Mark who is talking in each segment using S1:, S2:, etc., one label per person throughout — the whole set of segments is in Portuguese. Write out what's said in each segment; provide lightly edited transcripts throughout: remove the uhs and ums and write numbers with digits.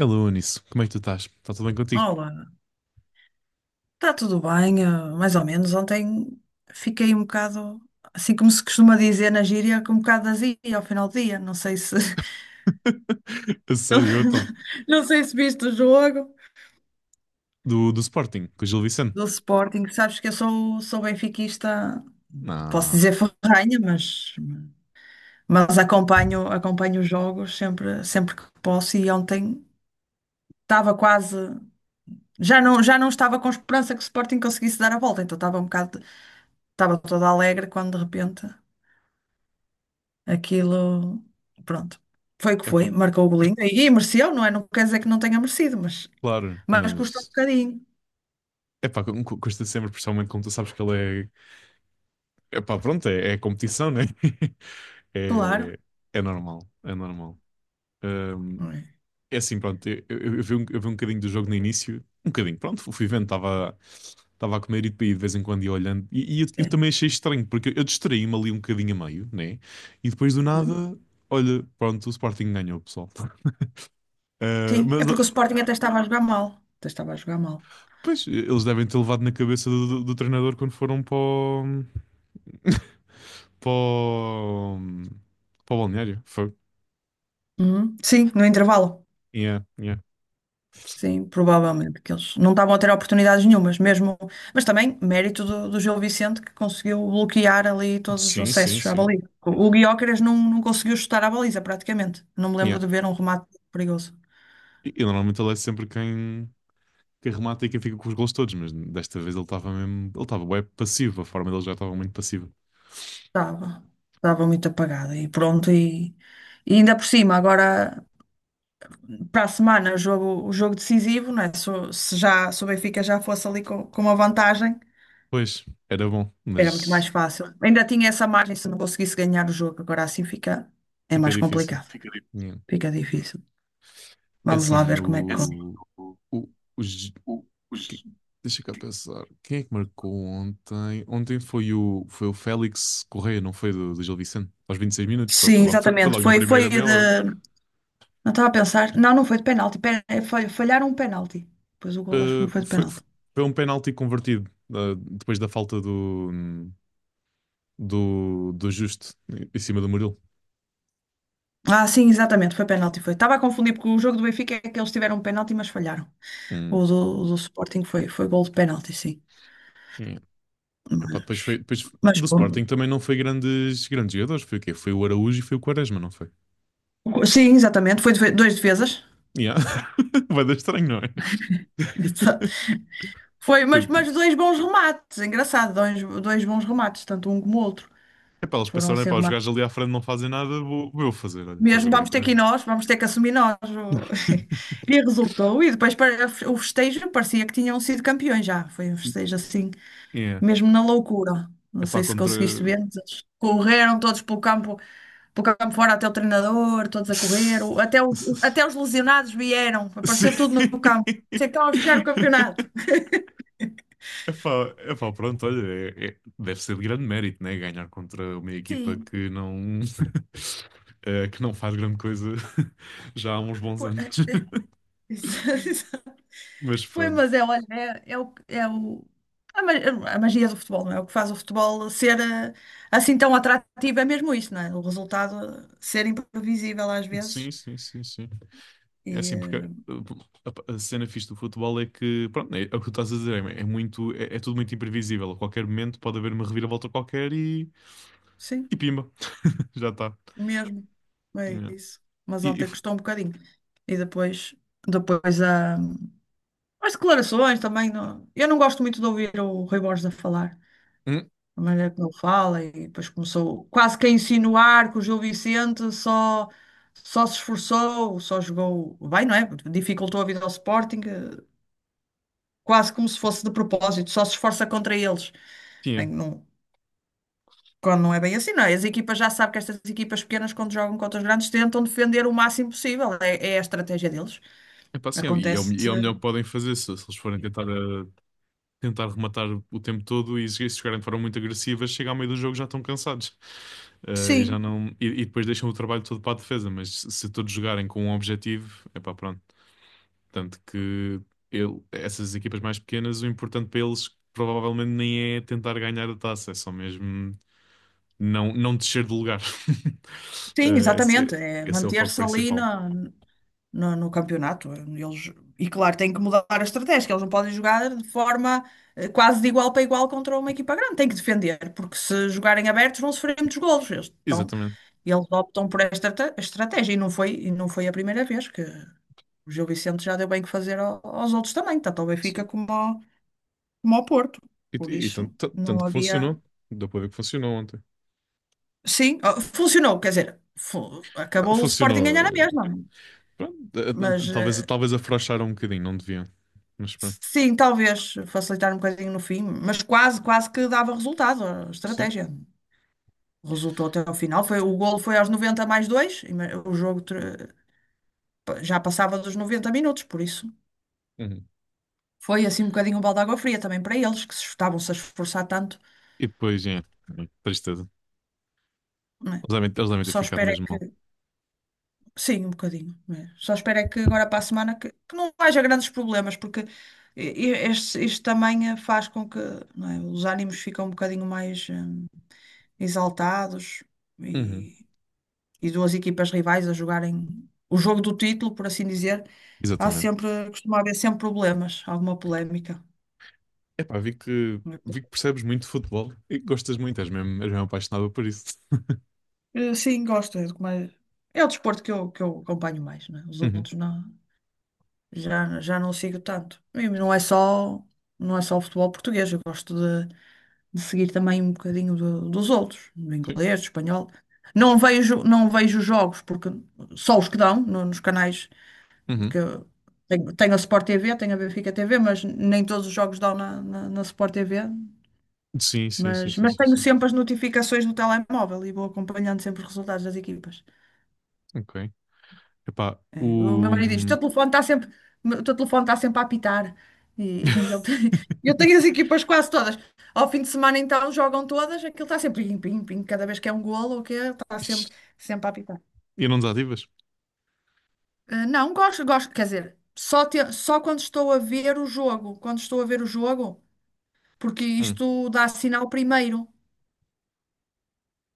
S1: Alô, Anísio, como é que tu estás? Está tudo bem contigo?
S2: Olá, está tudo bem, mais ou menos. Ontem fiquei um bocado, assim como se costuma dizer na gíria, com um bocado de azia ao final do dia. Não sei se,
S1: A sério, então?
S2: não sei se viste o jogo
S1: Do Sporting, com o Gil Vicente?
S2: do Sporting. Sabes que eu sou benfiquista, posso
S1: Ah,
S2: dizer ferrenha, mas acompanho os jogos sempre, sempre que posso. E ontem estava quase, já não estava com esperança que o Sporting conseguisse dar a volta, então estava um bocado, estava toda alegre quando de repente. Aquilo, pronto, foi o que foi,
S1: epá,
S2: marcou o golinho e mereceu, não é? Não quer dizer que não tenha merecido, mas,
S1: claro,
S2: mas custou um
S1: mas...
S2: bocadinho,
S1: Epá, custa sempre, principalmente como tu sabes que ele é... Epá, pronto, é competição, né?
S2: claro.
S1: É, é normal, é normal.
S2: Não é?
S1: É assim, pronto, eu vi um bocadinho do jogo no início, um bocadinho, pronto, fui vendo, estava a comer e depois de vez em quando ia olhando, e eu
S2: Sim.
S1: também achei estranho, porque eu distraí-me ali um bocadinho a meio, né? E depois do
S2: Uhum.
S1: nada, olha, pronto, o Sporting ganhou, pessoal.
S2: Sim,
S1: Eh,
S2: é
S1: mas, eh,
S2: porque o Sporting até estava a jogar mal, até estava a jogar mal.
S1: pois, eles devem ter levado na cabeça do, do treinador quando foram para o, para o, para o balneário, foi.
S2: Uhum. Sim, no intervalo.
S1: Yeah, yeah.
S2: Sim, provavelmente, que eles não estavam a ter oportunidades nenhumas, mesmo, mas também mérito do Gil Vicente, que conseguiu bloquear ali todos os
S1: Sim, sim,
S2: acessos à
S1: sim.
S2: baliza. O Guiócaras não conseguiu chutar à baliza praticamente. Não me
S1: Yeah.
S2: lembro de ver um remate perigoso.
S1: E normalmente ele é sempre quem. Que remata e quem fica com os gols todos, mas desta vez ele estava mesmo, ele estava bem passivo, a forma dele já estava muito passiva.
S2: Estava, estava muito apagada e pronto, e ainda por cima, agora para a semana jogo, o jogo decisivo, não é? Se, se já se o Benfica já fosse ali com uma vantagem,
S1: Pois, era bom,
S2: era muito
S1: mas
S2: mais fácil. Ainda tinha essa margem se não conseguisse ganhar o jogo. Agora assim fica, é
S1: fica
S2: mais
S1: difícil.
S2: complicado, difícil.
S1: Yeah.
S2: Fica difícil.
S1: É
S2: Vamos lá
S1: assim,
S2: ver como é que corre. Assim,
S1: o, os- que- deixa cá pensar, quem é que marcou ontem? Ontem foi o, foi o Félix Correia, não foi do, do Gil Vicente? Aos 26 minutos,
S2: sim,
S1: foi, foi
S2: exatamente.
S1: logo na
S2: Foi,
S1: primeira
S2: foi
S1: meia hora.
S2: de. Não estava a pensar. Não, não foi de penalti. Foi, falharam um penalti. Pois o gol acho que não foi de
S1: Foi,
S2: penalti.
S1: foi um penalti convertido, depois da falta do, do, do Justo em cima do Murilo.
S2: Ah, sim, exatamente, foi penalti, foi. Estava a confundir porque o jogo do Benfica é que eles tiveram um penalti, mas falharam.
S1: Hum.
S2: O do Sporting foi, foi gol de penalti, sim.
S1: Yeah. Epá, depois foi,
S2: Mas,
S1: depois
S2: mas
S1: do Sporting
S2: pronto.
S1: também não foi grandes, grandes jogadores. Foi o quê? Foi o Araújo e foi o Quaresma, não foi?
S2: Sim, exatamente, foi dois defesas.
S1: Yeah. Vai dar estranho, não é?
S2: Exato. Foi, mas dois bons remates, engraçado, dois, dois bons remates, tanto um como o outro.
S1: Epá, eles
S2: Foram
S1: pensaram,
S2: assim
S1: epá, os
S2: remates.
S1: gajos ali à frente não fazem nada, vou, vou eu fazer, olha, estás a
S2: Mesmo vamos ter que ir
S1: brincar?
S2: nós, vamos ter que assumir nós. E resultou. E depois o festejo parecia que tinham sido campeões já. Foi um festejo assim,
S1: É yeah.
S2: mesmo na loucura. Não
S1: Epá,
S2: sei se
S1: contra...
S2: conseguiste ver, mas eles correram todos pelo campo fora, até o treinador, todos a correr, até os lesionados vieram,
S1: Sim.
S2: apareceu tudo no campo. Sei que estava a fechar o campeonato.
S1: Epá, epá, pronto, olha, deve ser de grande mérito, né? Ganhar contra uma equipa
S2: Sim.
S1: que não, que não faz grande coisa já há uns bons
S2: Pô,
S1: anos.
S2: exato.
S1: Mas
S2: Foi,
S1: pronto.
S2: mas é, olha, é, é a magia do futebol, não é? O que faz o futebol ser assim tão atrativo é mesmo isso, não é? O resultado, ser imprevisível às
S1: Sim,
S2: vezes.
S1: sim, sim, sim. É
S2: E,
S1: assim, porque uh, a cena fixe do futebol é que, pronto, é, é o que tu estás a dizer, é, é muito, é, é tudo muito imprevisível. A qualquer momento pode haver uma reviravolta qualquer
S2: sim.
S1: e pimba, já está.
S2: Mesmo. É isso. Mas
S1: E, e
S2: ontem
S1: f-
S2: custou um bocadinho. E depois, depois há as declarações também. Não... Eu não gosto muito de ouvir o Rui Borges a falar,
S1: hum,
S2: a maneira como ele fala, e depois começou quase que a insinuar que o Gil Vicente só se esforçou, só jogou bem, não é? Dificultou a vida ao Sporting, quase como se fosse de propósito, só se esforça contra eles. Bem,
S1: tinha.
S2: não, quando não é bem assim, não é? As equipas já sabem que estas equipas pequenas, quando jogam contra os grandes, tentam defender o máximo possível. É, é a estratégia deles.
S1: É pá, sim,
S2: Acontece.
S1: e é o melhor que podem fazer se, se eles forem tentar tentar rematar o tempo todo e se jogarem de forma muito agressiva, chega ao meio do jogo já estão cansados. Eh, e já
S2: Sim,
S1: não e, e depois deixam o trabalho todo para a defesa, mas se todos jogarem com um objetivo, é pá, pronto. Tanto que essas equipas mais pequenas, o importante para eles provavelmente nem é tentar ganhar a taça, é só mesmo não descer de lugar.
S2: sim,
S1: Eh,
S2: exatamente.
S1: esse,
S2: É
S1: esse é o foco
S2: manter-se ali
S1: principal.
S2: no, no campeonato. Eles, e claro, têm que mudar a estratégia, que eles não podem jogar de forma quase de igual para igual contra uma equipa grande. Têm que defender, porque se jogarem abertos vão sofrer muitos golos. Eles estão
S1: Exatamente.
S2: e eles optam por esta estratégia e não foi a primeira vez que o Gil Vicente já deu bem que fazer aos outros também, tanto ao Benfica
S1: Sim.
S2: como ao Porto.
S1: E,
S2: Por
S1: e- e
S2: isso
S1: tanto,
S2: não
S1: tanto que
S2: havia.
S1: funcionou. Deu para ver que funcionou ontem.
S2: Sim, ó, funcionou, quer dizer,
S1: Ah,
S2: acabou o Sporting ganhar na
S1: funcionou.
S2: mesma,
S1: Pronto,
S2: mas
S1: talvez, talvez afrouxaram um bocadinho, não deviam. Mas pronto,
S2: sim, talvez facilitar um bocadinho no fim, mas quase, quase que dava resultado a
S1: sim.
S2: estratégia. Resultou até ao final, foi, o golo foi aos 90 mais dois, o já passava dos 90 minutos, por isso.
S1: Uhum.
S2: Foi assim um bocadinho um balde de água fria também para eles, que se estavam-se a esforçar tanto,
S1: E depois, é, tristeza.
S2: não é?
S1: Eles devem ter
S2: Só
S1: ficado
S2: espero é
S1: mesmo mal.
S2: que. Sim, um bocadinho, não é? Só espero é que agora para a semana que não haja grandes problemas, porque i- este, isto também faz com que, não é, os ânimos ficam um bocadinho mais exaltados
S1: Uhum.
S2: e, e duas equipas rivais a jogarem o jogo do título, por assim dizer, há
S1: Exatamente.
S2: sempre, costuma haver sempre problemas, alguma polémica.
S1: Epá, vi que percebes muito de futebol e que gostas muito, és mesmo apaixonado por isso.
S2: Sim, gosto. É, do que é o desporto que eu acompanho mais, né? Os
S1: Uhum.
S2: outros não, já não sigo tanto. E não é só, não é só o futebol português, eu gosto de seguir também um bocadinho dos outros, do
S1: Sim.
S2: inglês, do espanhol. Não vejo, não vejo jogos, porque só os que dão nos canais,
S1: Uhum.
S2: porque eu tenho a Sport TV, tenho a Benfica TV, mas nem todos os jogos dão na Sport TV.
S1: Sim, sim, sim, sim,
S2: Mas
S1: sim,
S2: tenho
S1: sim.
S2: sempre as notificações no telemóvel e vou acompanhando sempre os resultados das equipas.
S1: Ok. Epá,
S2: É, o meu
S1: o...
S2: marido diz: o teu telefone está sempre, o teu telefone está sempre a apitar. E, e ele eu tenho as equipas quase todas. Ao fim de semana, então, jogam todas, aquilo está sempre pim, pim, pim. Cada vez que é um golo, o que é, está sempre, sempre a apitar.
S1: E não desativas?
S2: Não, gosto, gosto, quer dizer, só, só quando estou a ver o jogo, quando estou a ver o jogo, porque
S1: Hum.
S2: isto dá sinal primeiro.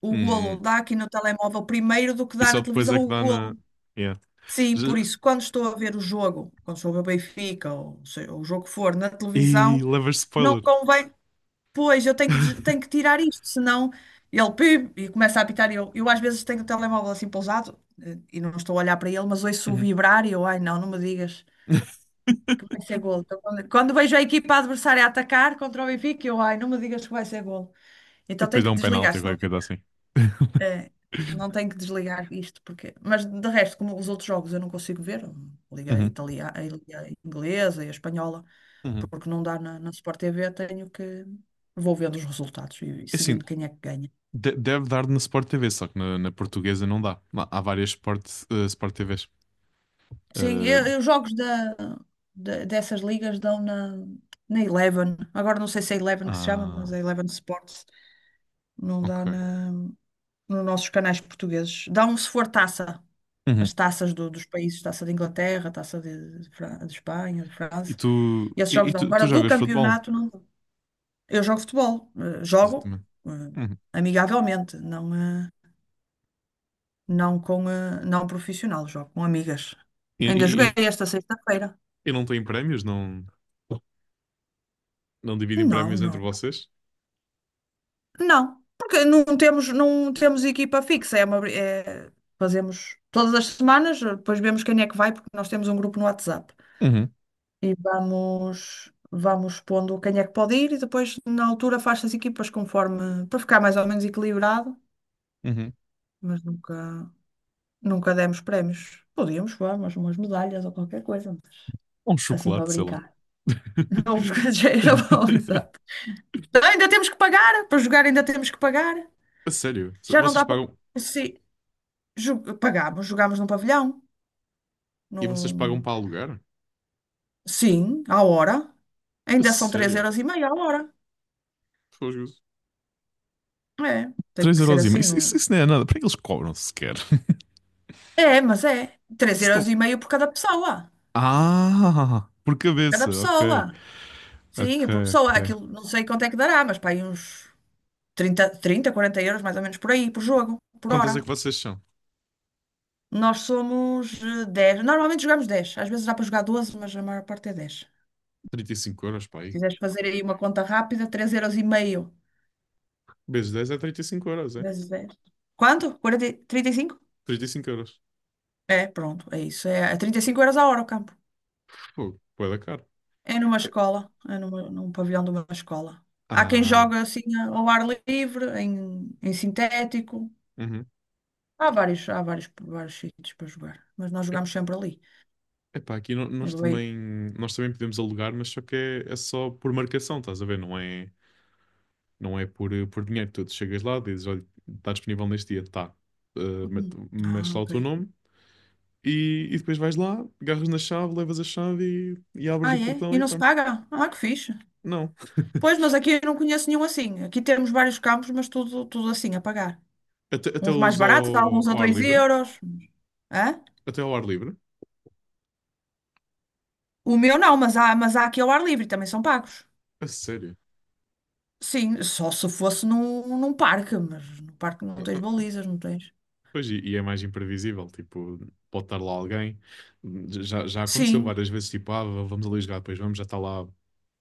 S2: O golo
S1: Hum.
S2: dá aqui no telemóvel primeiro do que
S1: E
S2: dá
S1: só
S2: na
S1: depois
S2: televisão
S1: é que
S2: o
S1: dá na...
S2: golo.
S1: Yeah.
S2: Sim,
S1: Já-
S2: por isso, quando estou a ver o jogo, quando estou a ver o Benfica, ou seja, o jogo que for, na
S1: e
S2: televisão,
S1: levas
S2: não
S1: spoiler.
S2: convém. Pois, eu tenho que, tenho que tirar isto, senão ele pib, e começa a apitar. E eu às vezes tenho o telemóvel assim pousado, e não estou a olhar para ele, mas ouço o
S1: Uhum.
S2: vibrar e eu, ai não, não me digas que vai ser golo. Então, quando vejo a equipa adversária a atacar contra o Benfica, eu, ai, não me digas que vai ser golo.
S1: E
S2: Então
S1: depois
S2: tenho
S1: dá
S2: que
S1: um
S2: desligar,
S1: penalti ou
S2: senão
S1: qualquer
S2: fica.
S1: coisa assim.
S2: É, não tenho que desligar isto, porque. Mas de resto, como os outros jogos eu não consigo ver, liga a
S1: Uhum,
S2: italiana, a liga a inglesa e a espanhola,
S1: uhum.
S2: porque não dá na Sport TV, tenho que. Vou vendo os resultados e
S1: É assim,
S2: seguindo quem é que ganha.
S1: deve dar na Sport TV, só que na, na portuguesa não dá. Lá há várias Sport, Sport TVs.
S2: Sim,
S1: Eh,
S2: os jogos dessas ligas dão na Eleven. Agora não sei se é Eleven que se chama,
S1: ah,
S2: mas é Eleven Sports. Não dá
S1: ok.
S2: nos nossos canais portugueses. Dão se for taça,
S1: Uhum.
S2: as taças dos países, taça de Inglaterra, taça de de Espanha, de
S1: E
S2: França,
S1: tu,
S2: e esses jogos
S1: e tu,
S2: dão.
S1: tu
S2: Agora, do
S1: jogas futebol?
S2: campeonato, não dão. Eu jogo futebol, jogo
S1: Exatamente.
S2: eh,
S1: Uhum.
S2: amigavelmente, não, não com não profissional, jogo com amigas.
S1: E,
S2: Ainda
S1: e-
S2: joguei
S1: e-
S2: esta sexta-feira.
S1: e não tem prémios? Não, não dividem
S2: Não,
S1: prémios entre
S2: não,
S1: vocês?
S2: não, porque não temos, não temos equipa fixa, é uma, fazemos todas as semanas, depois vemos quem é que vai, porque nós temos um grupo no WhatsApp,
S1: Uhum,
S2: e vamos, vamos pondo quem é que pode ir e depois na altura faz-se as equipas conforme, para ficar mais ou menos equilibrado,
S1: uhum.
S2: mas nunca, nunca demos prémios. Podíamos, vamos, umas medalhas ou qualquer coisa,
S1: Ou um
S2: assim para
S1: chocolate, sei lá.
S2: brincar. Não, porque já era bom, exato. Ainda temos que pagar, para jogar ainda temos que pagar.
S1: A sério?
S2: Já não
S1: Vocês
S2: dá para.
S1: pagam.
S2: Sim, pagámos, jogámos num pavilhão.
S1: E vocês pagam
S2: Num...
S1: para alugar?
S2: Sim, à hora.
S1: A
S2: Ainda são 3
S1: sério?
S2: euros e meio à hora.
S1: Fogo.
S2: É, tem
S1: 3
S2: que ser
S1: euros e meio.
S2: assim.
S1: Isso, isso,
S2: Não...
S1: isso não é nada. Para que eles cobram sequer?
S2: É, mas é três
S1: Isso
S2: euros
S1: não...
S2: e meio por cada pessoa.
S1: Ah, por
S2: Cada
S1: cabeça. Ok,
S2: pessoa. Sim,
S1: ok,
S2: por pessoa.
S1: ok.
S2: Aquilo, não sei quanto é que dará, mas pá, aí uns 40 euros mais ou menos por aí, por jogo, por
S1: Quantas é
S2: hora.
S1: que vocês são?
S2: Nós somos 10. Normalmente jogamos 10. Às vezes dá para jogar 12, mas a maior parte é 10.
S1: Trinta e cinco euros, pá.
S2: Se
S1: Aí.
S2: quiseres fazer aí uma conta rápida, três euros e meio
S1: Vezes 10 é 35 euros, é?
S2: vezes dez. Quanto? 40, 35?
S1: 35 euros.
S2: É, pronto, é isso. É 35 € a hora o campo.
S1: Fogo, pô da caro.
S2: É numa
S1: É-
S2: escola, é num pavilhão de uma escola. Há quem
S1: Ah,
S2: joga assim ao ar livre, em, em sintético.
S1: uhum.
S2: Há vários, vários sítios para jogar, mas nós
S1: É-
S2: jogamos sempre ali.
S1: epá, aqui no-
S2: Eu
S1: nós também podemos alugar, mas só que é, é só por marcação, estás a ver? Não é, não é por dinheiro. Tu chegas lá, dizes, olha, está disponível neste dia, tá.
S2: uhum.
S1: Metes
S2: Ah,
S1: lá o
S2: ok.
S1: teu nome. E depois vais lá, agarras na chave, levas a chave e abres
S2: Ah,
S1: o
S2: é?
S1: portão
S2: E
S1: e
S2: não se
S1: pronto.
S2: paga? Ah, que fixe.
S1: Não.
S2: Pois, mas aqui eu não conheço nenhum assim. Aqui temos vários campos, mas tudo, tudo assim, a pagar.
S1: Até
S2: Uns mais
S1: os ao,
S2: baratos, alguns a
S1: ao ar
S2: 2
S1: livre.
S2: euros. Hã?
S1: Até ao ar livre.
S2: O meu não, mas há aqui ao ar livre, também são pagos.
S1: A sério.
S2: Sim, só se fosse num, num parque, mas no parque não
S1: Não,
S2: tens
S1: não.
S2: balizas, não tens.
S1: Pois, e é mais imprevisível. Tipo, pode estar lá alguém. Já, já aconteceu
S2: Sim,
S1: várias vezes. Tipo, ah, vamos ali jogar, depois vamos, já está lá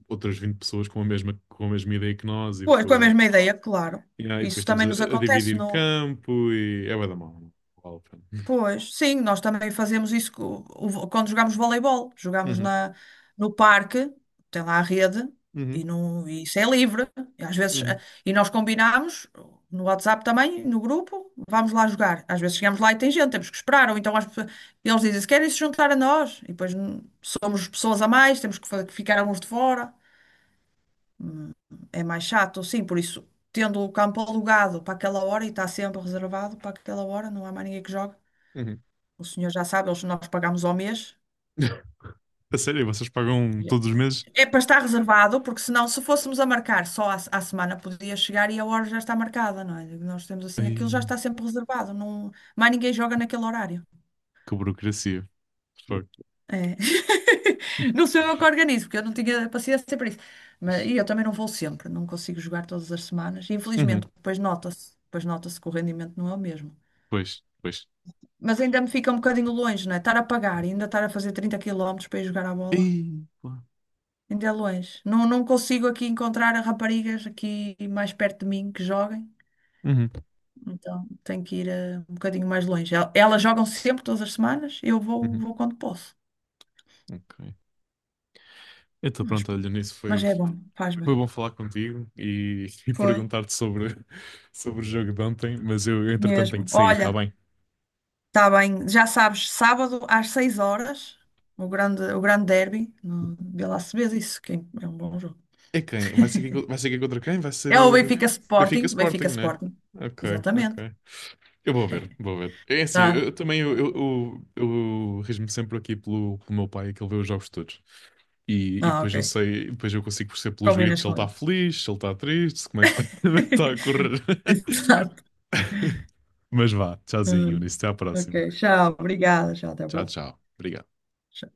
S1: outras 20 pessoas com a mesma ideia que nós e
S2: pois, com a
S1: depois,
S2: mesma ideia, claro.
S1: yeah, e depois
S2: Isso
S1: estamos
S2: também nos
S1: a
S2: acontece
S1: dividir
S2: no,
S1: campo e é bué da mal. Não vale a pena.
S2: pois, sim, nós também fazemos isso quando jogamos voleibol. Jogamos
S1: Uhum,
S2: na, no parque, tem lá a rede, e,
S1: uhum,
S2: não, e isso é livre. E às vezes,
S1: uhum,
S2: e nós combinamos no WhatsApp também, no grupo, vamos lá jogar. Às vezes chegamos lá e tem gente, temos que esperar. Ou então eles dizem, se querem se juntar a nós, e depois somos pessoas a mais, temos que ficar alguns de fora. Hum. É mais chato, sim, por isso, tendo o campo alugado para aquela hora e está sempre reservado para aquela hora, não há mais ninguém que jogue.
S1: uhum.
S2: O senhor já sabe, eles, nós pagamos ao mês.
S1: A sério, vocês pagam todos os meses?
S2: É para estar reservado, porque senão, se fôssemos a marcar só à, à semana, podia chegar e a hora já está marcada, não é? Nós temos assim, aquilo já
S1: Ei,
S2: está sempre reservado, não, mais ninguém joga naquele horário.
S1: que burocracia. Fuck.
S2: É. Não sou eu que organizo, porque eu não tinha paciência para isso. Mas, e eu também não vou sempre, não consigo jogar todas as semanas.
S1: Uhum.
S2: Infelizmente, depois nota-se que o rendimento não é o mesmo.
S1: Pois, pois.
S2: Mas ainda me fica um bocadinho longe, não é? Estar a pagar e ainda estar a fazer 30 quilómetros para ir jogar à bola.
S1: Ei, pá.
S2: Ainda é longe. Não, não consigo aqui encontrar raparigas aqui mais perto de mim que joguem.
S1: Uhum.
S2: Então tenho que ir um bocadinho mais longe. Elas jogam sempre, todas as semanas. Eu vou,
S1: Uhum.
S2: vou quando posso.
S1: Ok. Então
S2: Mas
S1: pronto, olha,
S2: pronto.
S1: nisso foi,
S2: Mas é bom, faz
S1: foi
S2: bem.
S1: bom falar contigo e
S2: Foi,
S1: perguntar-te sobre, sobre o jogo de ontem, mas eu entretanto tenho
S2: mesmo.
S1: que sair, tá
S2: Olha,
S1: bem?
S2: está bem. Já sabes, sábado às 18h, o grande derby no Vila Acebes, isso que é um bom jogo.
S1: É quem? Vai ser quem, vai ser quem contra quem? Vai ser
S2: É o
S1: o Benf-
S2: Benfica
S1: Benfica
S2: Sporting,
S1: Sporting,
S2: Benfica
S1: né?
S2: Sporting.
S1: Ok,
S2: Exatamente.
S1: ok. Eu vou ver, vou ver. É assim,
S2: Tá.
S1: eu também eu rejo-me sempre aqui pelo, pelo meu pai que ele vê os jogos todos. E
S2: Ah,
S1: depois eu
S2: ok.
S1: sei, depois eu consigo perceber pelos gritos
S2: Combinas
S1: se ele
S2: com
S1: está
S2: ele.
S1: feliz, se ele está triste, se como é que está, como é que está a correr.
S2: Exato.
S1: Mas vá, tchauzinho, Eunice,
S2: Hum.
S1: até à
S2: Ok,
S1: próxima.
S2: tchau, obrigada, tchau, até a
S1: Tchau,
S2: próxima.
S1: tchau. Obrigado.
S2: Tchau.